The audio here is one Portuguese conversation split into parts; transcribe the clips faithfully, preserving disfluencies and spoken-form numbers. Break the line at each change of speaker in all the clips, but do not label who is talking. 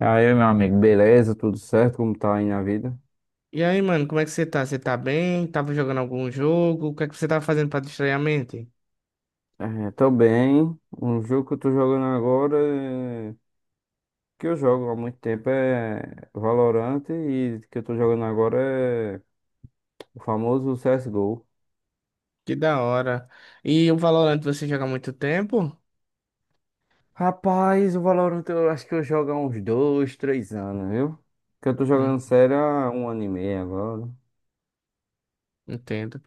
E aí, meu amigo, beleza? Tudo certo? Como tá aí na vida?
E aí, mano, como é que você tá? Você tá bem? Tava jogando algum jogo? O que é que você tava fazendo pra distrair a mente?
É, tô bem. Um jogo que eu tô jogando agora, é- que eu jogo há muito tempo, é Valorant, e que eu tô jogando agora é o famoso C S G O.
Que da hora. E o Valorant você joga há muito tempo?
Rapaz, o Valorant eu acho que eu jogo há uns dois, três anos, viu? Que eu tô jogando sério há um ano e meio agora.
Entendo.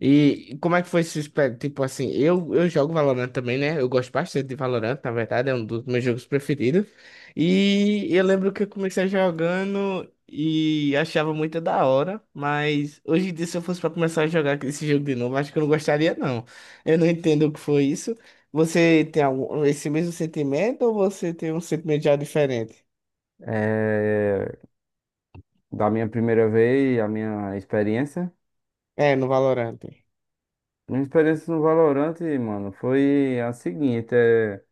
E como é que foi esse espé- Tipo assim, eu, eu jogo Valorant também, né? Eu gosto bastante de Valorant, na verdade, é um dos meus jogos preferidos. E eu lembro que eu comecei jogando e achava muito da hora, mas hoje em dia, se eu fosse pra começar a jogar esse jogo de novo, acho que eu não gostaria, não. Eu não entendo o que foi isso. Você tem algum, esse mesmo sentimento ou você tem um sentimento já diferente?
É, da minha primeira vez, a minha experiência.
É, no Valorant.
Minha experiência no Valorant, mano, foi a seguinte, é...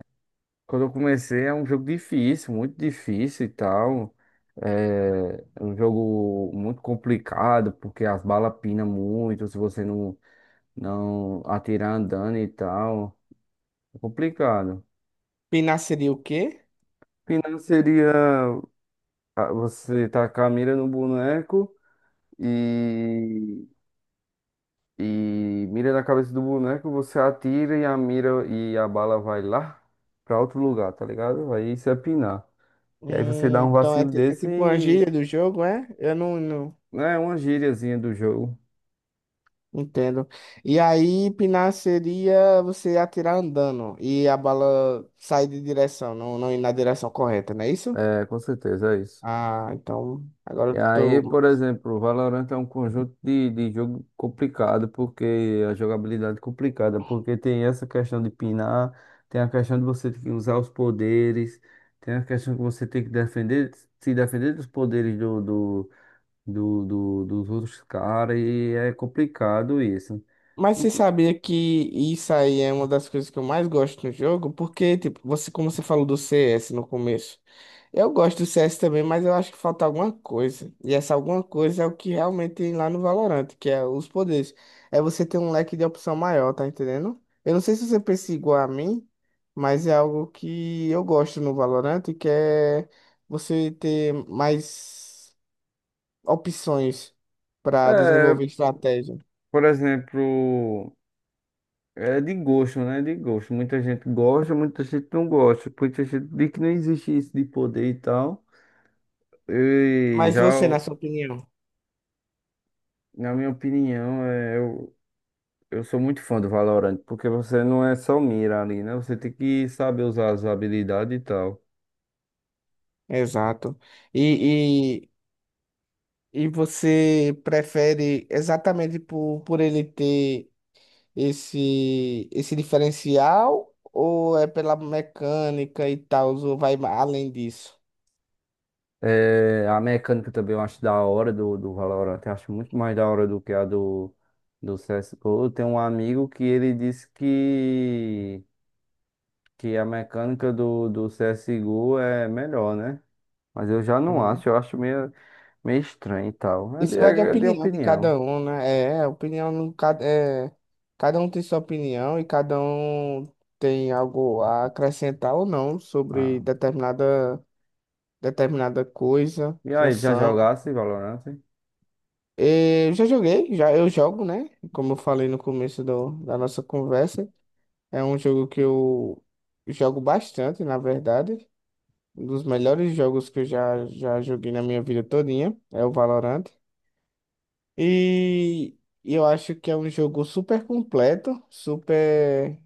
Quando eu comecei, é um jogo difícil, muito difícil e tal. É é um jogo muito complicado, porque as balas pinam muito se você não, não atirar andando e tal. É complicado.
Pinar seria o quê?
Pinar seria, ah, você tacar a mira no boneco e, e mira na cabeça do boneco, você atira e a mira e a bala vai lá pra outro lugar, tá ligado? Aí isso é pinar.
Hum.
E aí você dá um
Então é,
vacilo
ti- é
desse
tipo uma
e
gíria do jogo, é? Eu não, não
é uma gíriazinha do jogo.
entendo. E aí, pinar seria você atirar andando e a bala sair de direção, não, não ir na direção correta, não é isso?
É, com certeza, é isso.
Ah, então agora
E
eu
aí,
tô.
por exemplo, o Valorant é um conjunto de, de jogo complicado, porque a jogabilidade é complicada, porque tem essa questão de pinar, tem a questão de você ter que usar os poderes, tem a questão que você tem que defender, se defender dos poderes do, do, do, do- dos outros caras, e é complicado isso.
Mas
No
você
co-
sabia que isso aí é uma das coisas que eu mais gosto no jogo? Porque, tipo, você, como você falou do C S no começo, eu gosto do C S também, mas eu acho que falta alguma coisa. E essa alguma coisa é o que realmente tem lá no Valorant, que é os poderes. É você ter um leque de opção maior, tá entendendo? Eu não sei se você pensa igual a mim, mas é algo que eu gosto no Valorant, que é você ter mais opções para
É,
desenvolver estratégia.
por exemplo. É de gosto, né? De gosto. Muita gente gosta, muita gente não gosta. Muita gente diz que não existe isso de poder e tal. E
Mas
já,
você, na
o-
sua opinião?
Na minha opinião, é, eu, eu sou muito fã do Valorant, porque você não é só mira ali, né? Você tem que saber usar as habilidades e tal.
Exato. E, e, e você prefere exatamente por, por ele ter esse, esse diferencial ou é pela mecânica e tal, ou vai ma- além disso?
É, a mecânica também eu acho da hora do, do Valorant. Eu acho muito mais da hora do que a do, do C S G O. Eu tenho um amigo que ele disse que, que a mecânica do, do C S G O é melhor, né? Mas eu já não acho, eu acho meio, meio estranho e tal. É de,
Isso vai de
é de
opinião de
opinião.
cada um, né? É, opinião no cada é, cada um tem sua opinião e cada um tem algo a acrescentar ou não sobre
Ah.
determinada determinada coisa,
E aí, já
função.
jogasse Valorant?
E eu já joguei, já eu jogo, né? Como eu falei no começo do, da nossa conversa, é um jogo que eu jogo bastante, na verdade. Um dos melhores jogos que eu já, já joguei na minha vida todinha é o Valorant. E eu acho que é um jogo super completo, super.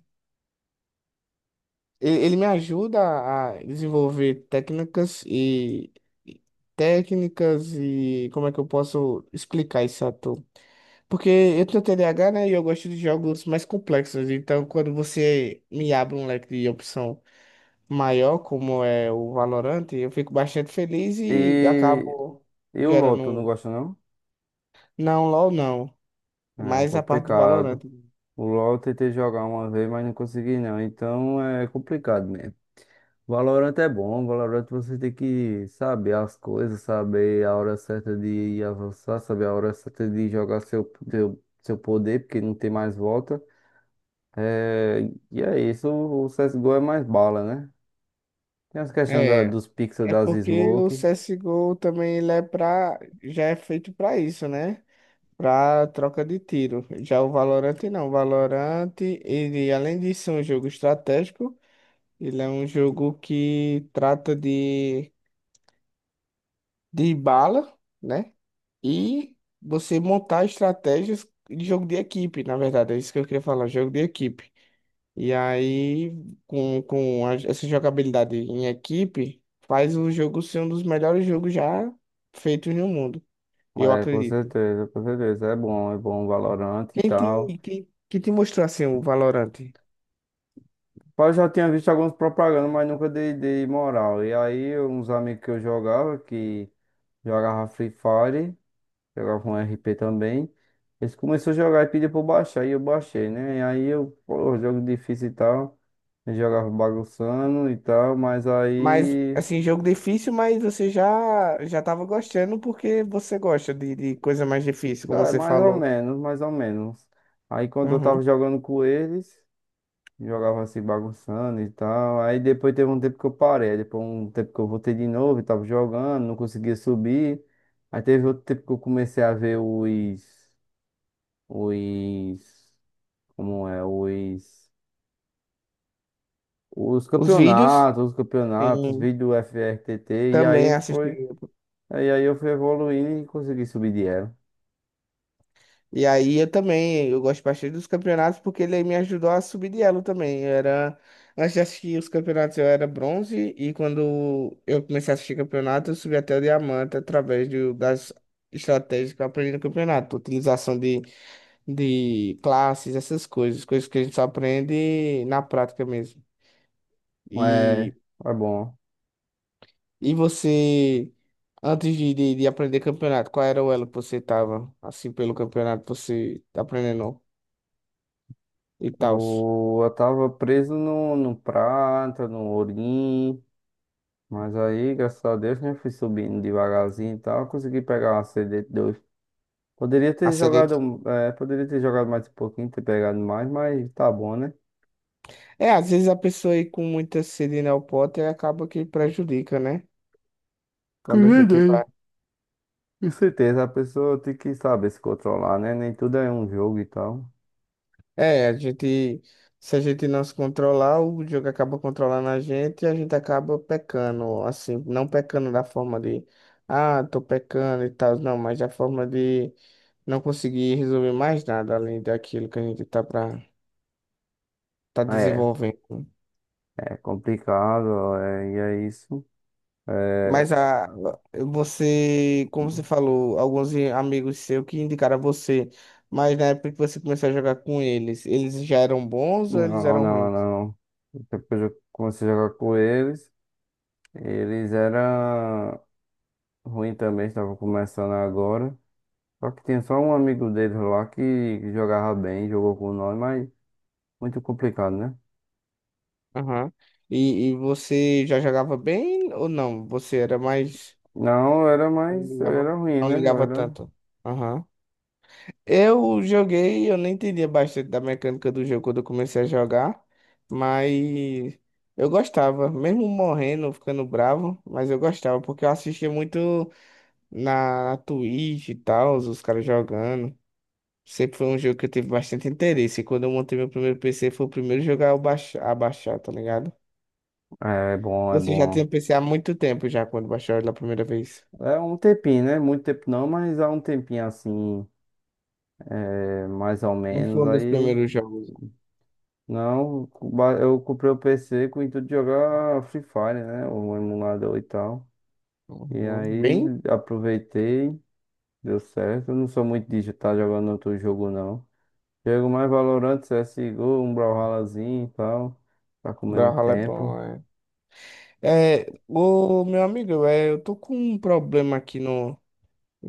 Ele, ele me ajuda a desenvolver técnicas e e- técnicas e como é que eu posso explicar isso a tu? Porque eu tenho T D A H, né? E eu gosto de jogos mais complexos. Então, quando você me abre um leque de opção maior, como é o Valorant, eu fico bastante feliz e
E,
acabo
e o LoL,
gerando
tu não
um.
gosta não?
Não, LOL não. É
É
mais a parte do Valorant.
complicado. O LoL eu tentei jogar uma vez, mas não consegui não. Então é complicado mesmo. Valorant é bom, Valorant você tem que saber as coisas, saber a hora certa de avançar, saber a hora certa de jogar seu, seu, seu poder, porque não tem mais volta. É, e é isso, o C S G O é mais bala, né? Tem as questões da-
É.
dos pixels
É
das
porque o
smoke.
C S G O também ele é pra, já é feito para isso, né? Para troca de tiro. Já o Valorant não. O Valorant, ele, além de ser um jogo estratégico, ele é um jogo que trata de, de bala, né? E você montar estratégias de jogo de equipe, na verdade. É isso que eu queria falar, jogo de equipe. E aí, com, com a- essa jogabilidade em equipe, faz o jogo ser um dos melhores jogos já feitos no mundo, eu
É, com
acredito.
certeza, com certeza. É bom, é bom o Valorant e
Quem
tal.
te, quem, que te mostrou assim o Valorant?
Pá, eu já tinha visto algumas propagandas, mas nunca dei, dei moral. E aí, uns amigos que eu jogava, que jogava Free Fire, jogava um R P também. Eles começaram a jogar e pediram pra eu baixar, e eu baixei, né? E aí eu, pô, jogo difícil e tal. Eu jogava bagunçando e tal, mas
Mas,
aí.
assim, jogo difícil, mas você já já tava gostando porque você gosta de, de coisa mais difícil, como
Ah, é,
você
mais ou
falou.
menos, mais ou menos. Aí quando eu tava
Uhum.
jogando com eles, jogava assim bagunçando e tal. Aí depois teve um tempo que eu parei, aí depois um tempo que eu voltei de novo e tava jogando, não conseguia subir. Aí teve outro tempo que eu comecei a ver os, os, como é, os, os
Os vídeos,
campeonatos, os campeonatos,
sim,
vídeo do F R T T, e aí
também assisti.
foi, aí, aí eu fui evoluindo e consegui subir de elo.
E aí eu também, eu gosto bastante dos campeonatos porque ele me ajudou a subir de elo também. Eu era, antes de assistir os campeonatos eu era bronze e quando eu comecei a assistir campeonato eu subi até o diamante através do, das estratégias que eu aprendi no campeonato. Utilização de, de classes, essas coisas, coisas que a gente só aprende na prática mesmo.
É,
E,
é bom.
e você, antes de, de, de aprender campeonato, qual era o elo que você tava, assim, pelo campeonato, você tá aprendendo e tal?
O- Eu tava preso no, no prata, no ourim, mas aí, graças a Deus, né, fui subindo devagarzinho e tal, consegui pegar uma cd dois. Poderia
A
ter
sede.
jogado, é, poderia ter jogado mais um pouquinho, ter pegado mais, mas tá bom, né?
É, às vezes a pessoa aí com muita sede no pote acaba que prejudica, né? Quando a gente
Cuidei.
vai.
Com certeza, a pessoa tem que saber se controlar, né? Nem tudo é um jogo e tal.
É, a gente. Se a gente não se controlar, o jogo acaba controlando a gente e a gente acaba pecando, assim, não pecando da forma de, ah, tô pecando e tal, não, mas da forma de não conseguir resolver mais nada além daquilo que a gente tá pra, tá
É,
desenvolvendo.
é complicado, é, e é isso.
Mas a, você, como você falou, alguns i- amigos seus que indicaram a você, mas na época que você começou a jogar com eles, eles já eram bons ou eles
Não,
eram
não,
ruins?
não. Depois eu comecei a jogar com eles. Eles eram. Ruim também, estava começando agora. Só que tinha só um amigo dele lá que jogava bem, jogou com nós, mas muito complicado, né?
Aham. E, e você já jogava bem ou não? Você era mais.
Não, eu era
Não
mais, eu era
ligava,
ruim,
não
né? Eu
ligava
era.
tanto. Aham. Eu joguei, eu nem entendia bastante da mecânica do jogo quando eu comecei a jogar, mas eu gostava, mesmo morrendo, ficando bravo, mas eu gostava, porque eu assistia muito. na, na Twitch e tal, os caras jogando. Sempre foi um jogo que eu tive bastante interesse. E quando eu montei meu primeiro P C, foi o primeiro jogo a eu baix- a baixar, tá ligado?
É, é bom, é
Você já
bom.
tinha P C há muito tempo já, quando baixou ele a primeira vez.
É um tempinho, né? Muito tempo não, mas há um tempinho assim, é, mais ou
Não foi
menos.
um dos
Aí,
primeiros jogos.
não, ba- eu comprei o P C com o intuito de jogar Free Fire, né? O emulador e tal. E
Uhum.
aí,
Bem,
aproveitei, deu certo. Eu não sou muito de estar jogando outro jogo, não. Jogo mais Valorant, C S G O, um Brawlhallazinho e tal, pra comer um
Brawlhalla é
tempo.
bom, é. É, ô, meu amigo, é, eu tô com um problema aqui no,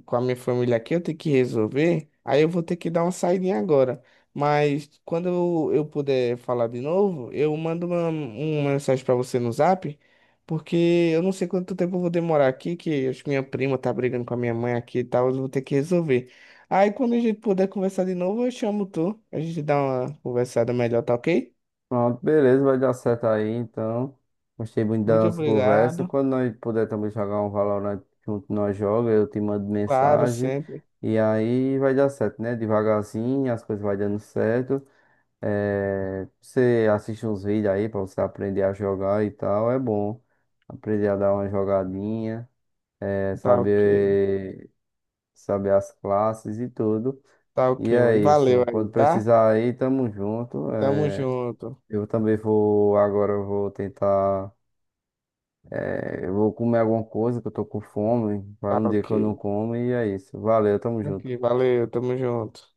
com a minha família aqui, eu tenho que resolver. Aí eu vou ter que dar uma saidinha agora. Mas quando eu, eu puder falar de novo, eu mando uma, uma mensagem pra você no Zap, porque eu não sei quanto tempo eu vou demorar aqui, que acho que minha prima tá brigando com a minha mãe aqui e tal, eu vou ter que resolver. Aí quando a gente puder conversar de novo, eu chamo tu. A gente dá uma conversada melhor, tá ok?
Pronto, beleza, vai dar certo aí, então. Gostei muito da
Muito
nossa conversa.
obrigado.
Quando nós puder também jogar um Valorant junto, nós joga, eu te mando
Claro,
mensagem.
sempre.
E aí vai dar certo, né? Devagarzinho, as coisas vai dando certo. É, você assiste uns vídeos aí pra você aprender a jogar e tal, é bom. Aprender a dar uma jogadinha, é,
Tá ok.
saber, saber as classes e tudo.
Tá
E
ok,
é
mano. Valeu
isso.
aí,
Quando
tá?
precisar aí, tamo junto.
Tamo
É,
junto.
eu também vou, agora eu vou tentar, é, eu vou comer alguma coisa que eu tô com fome. Vai
Tá
um dia
ok.
que eu não como e é isso. Valeu, tamo
Aqui,
junto.
valeu, tamo junto.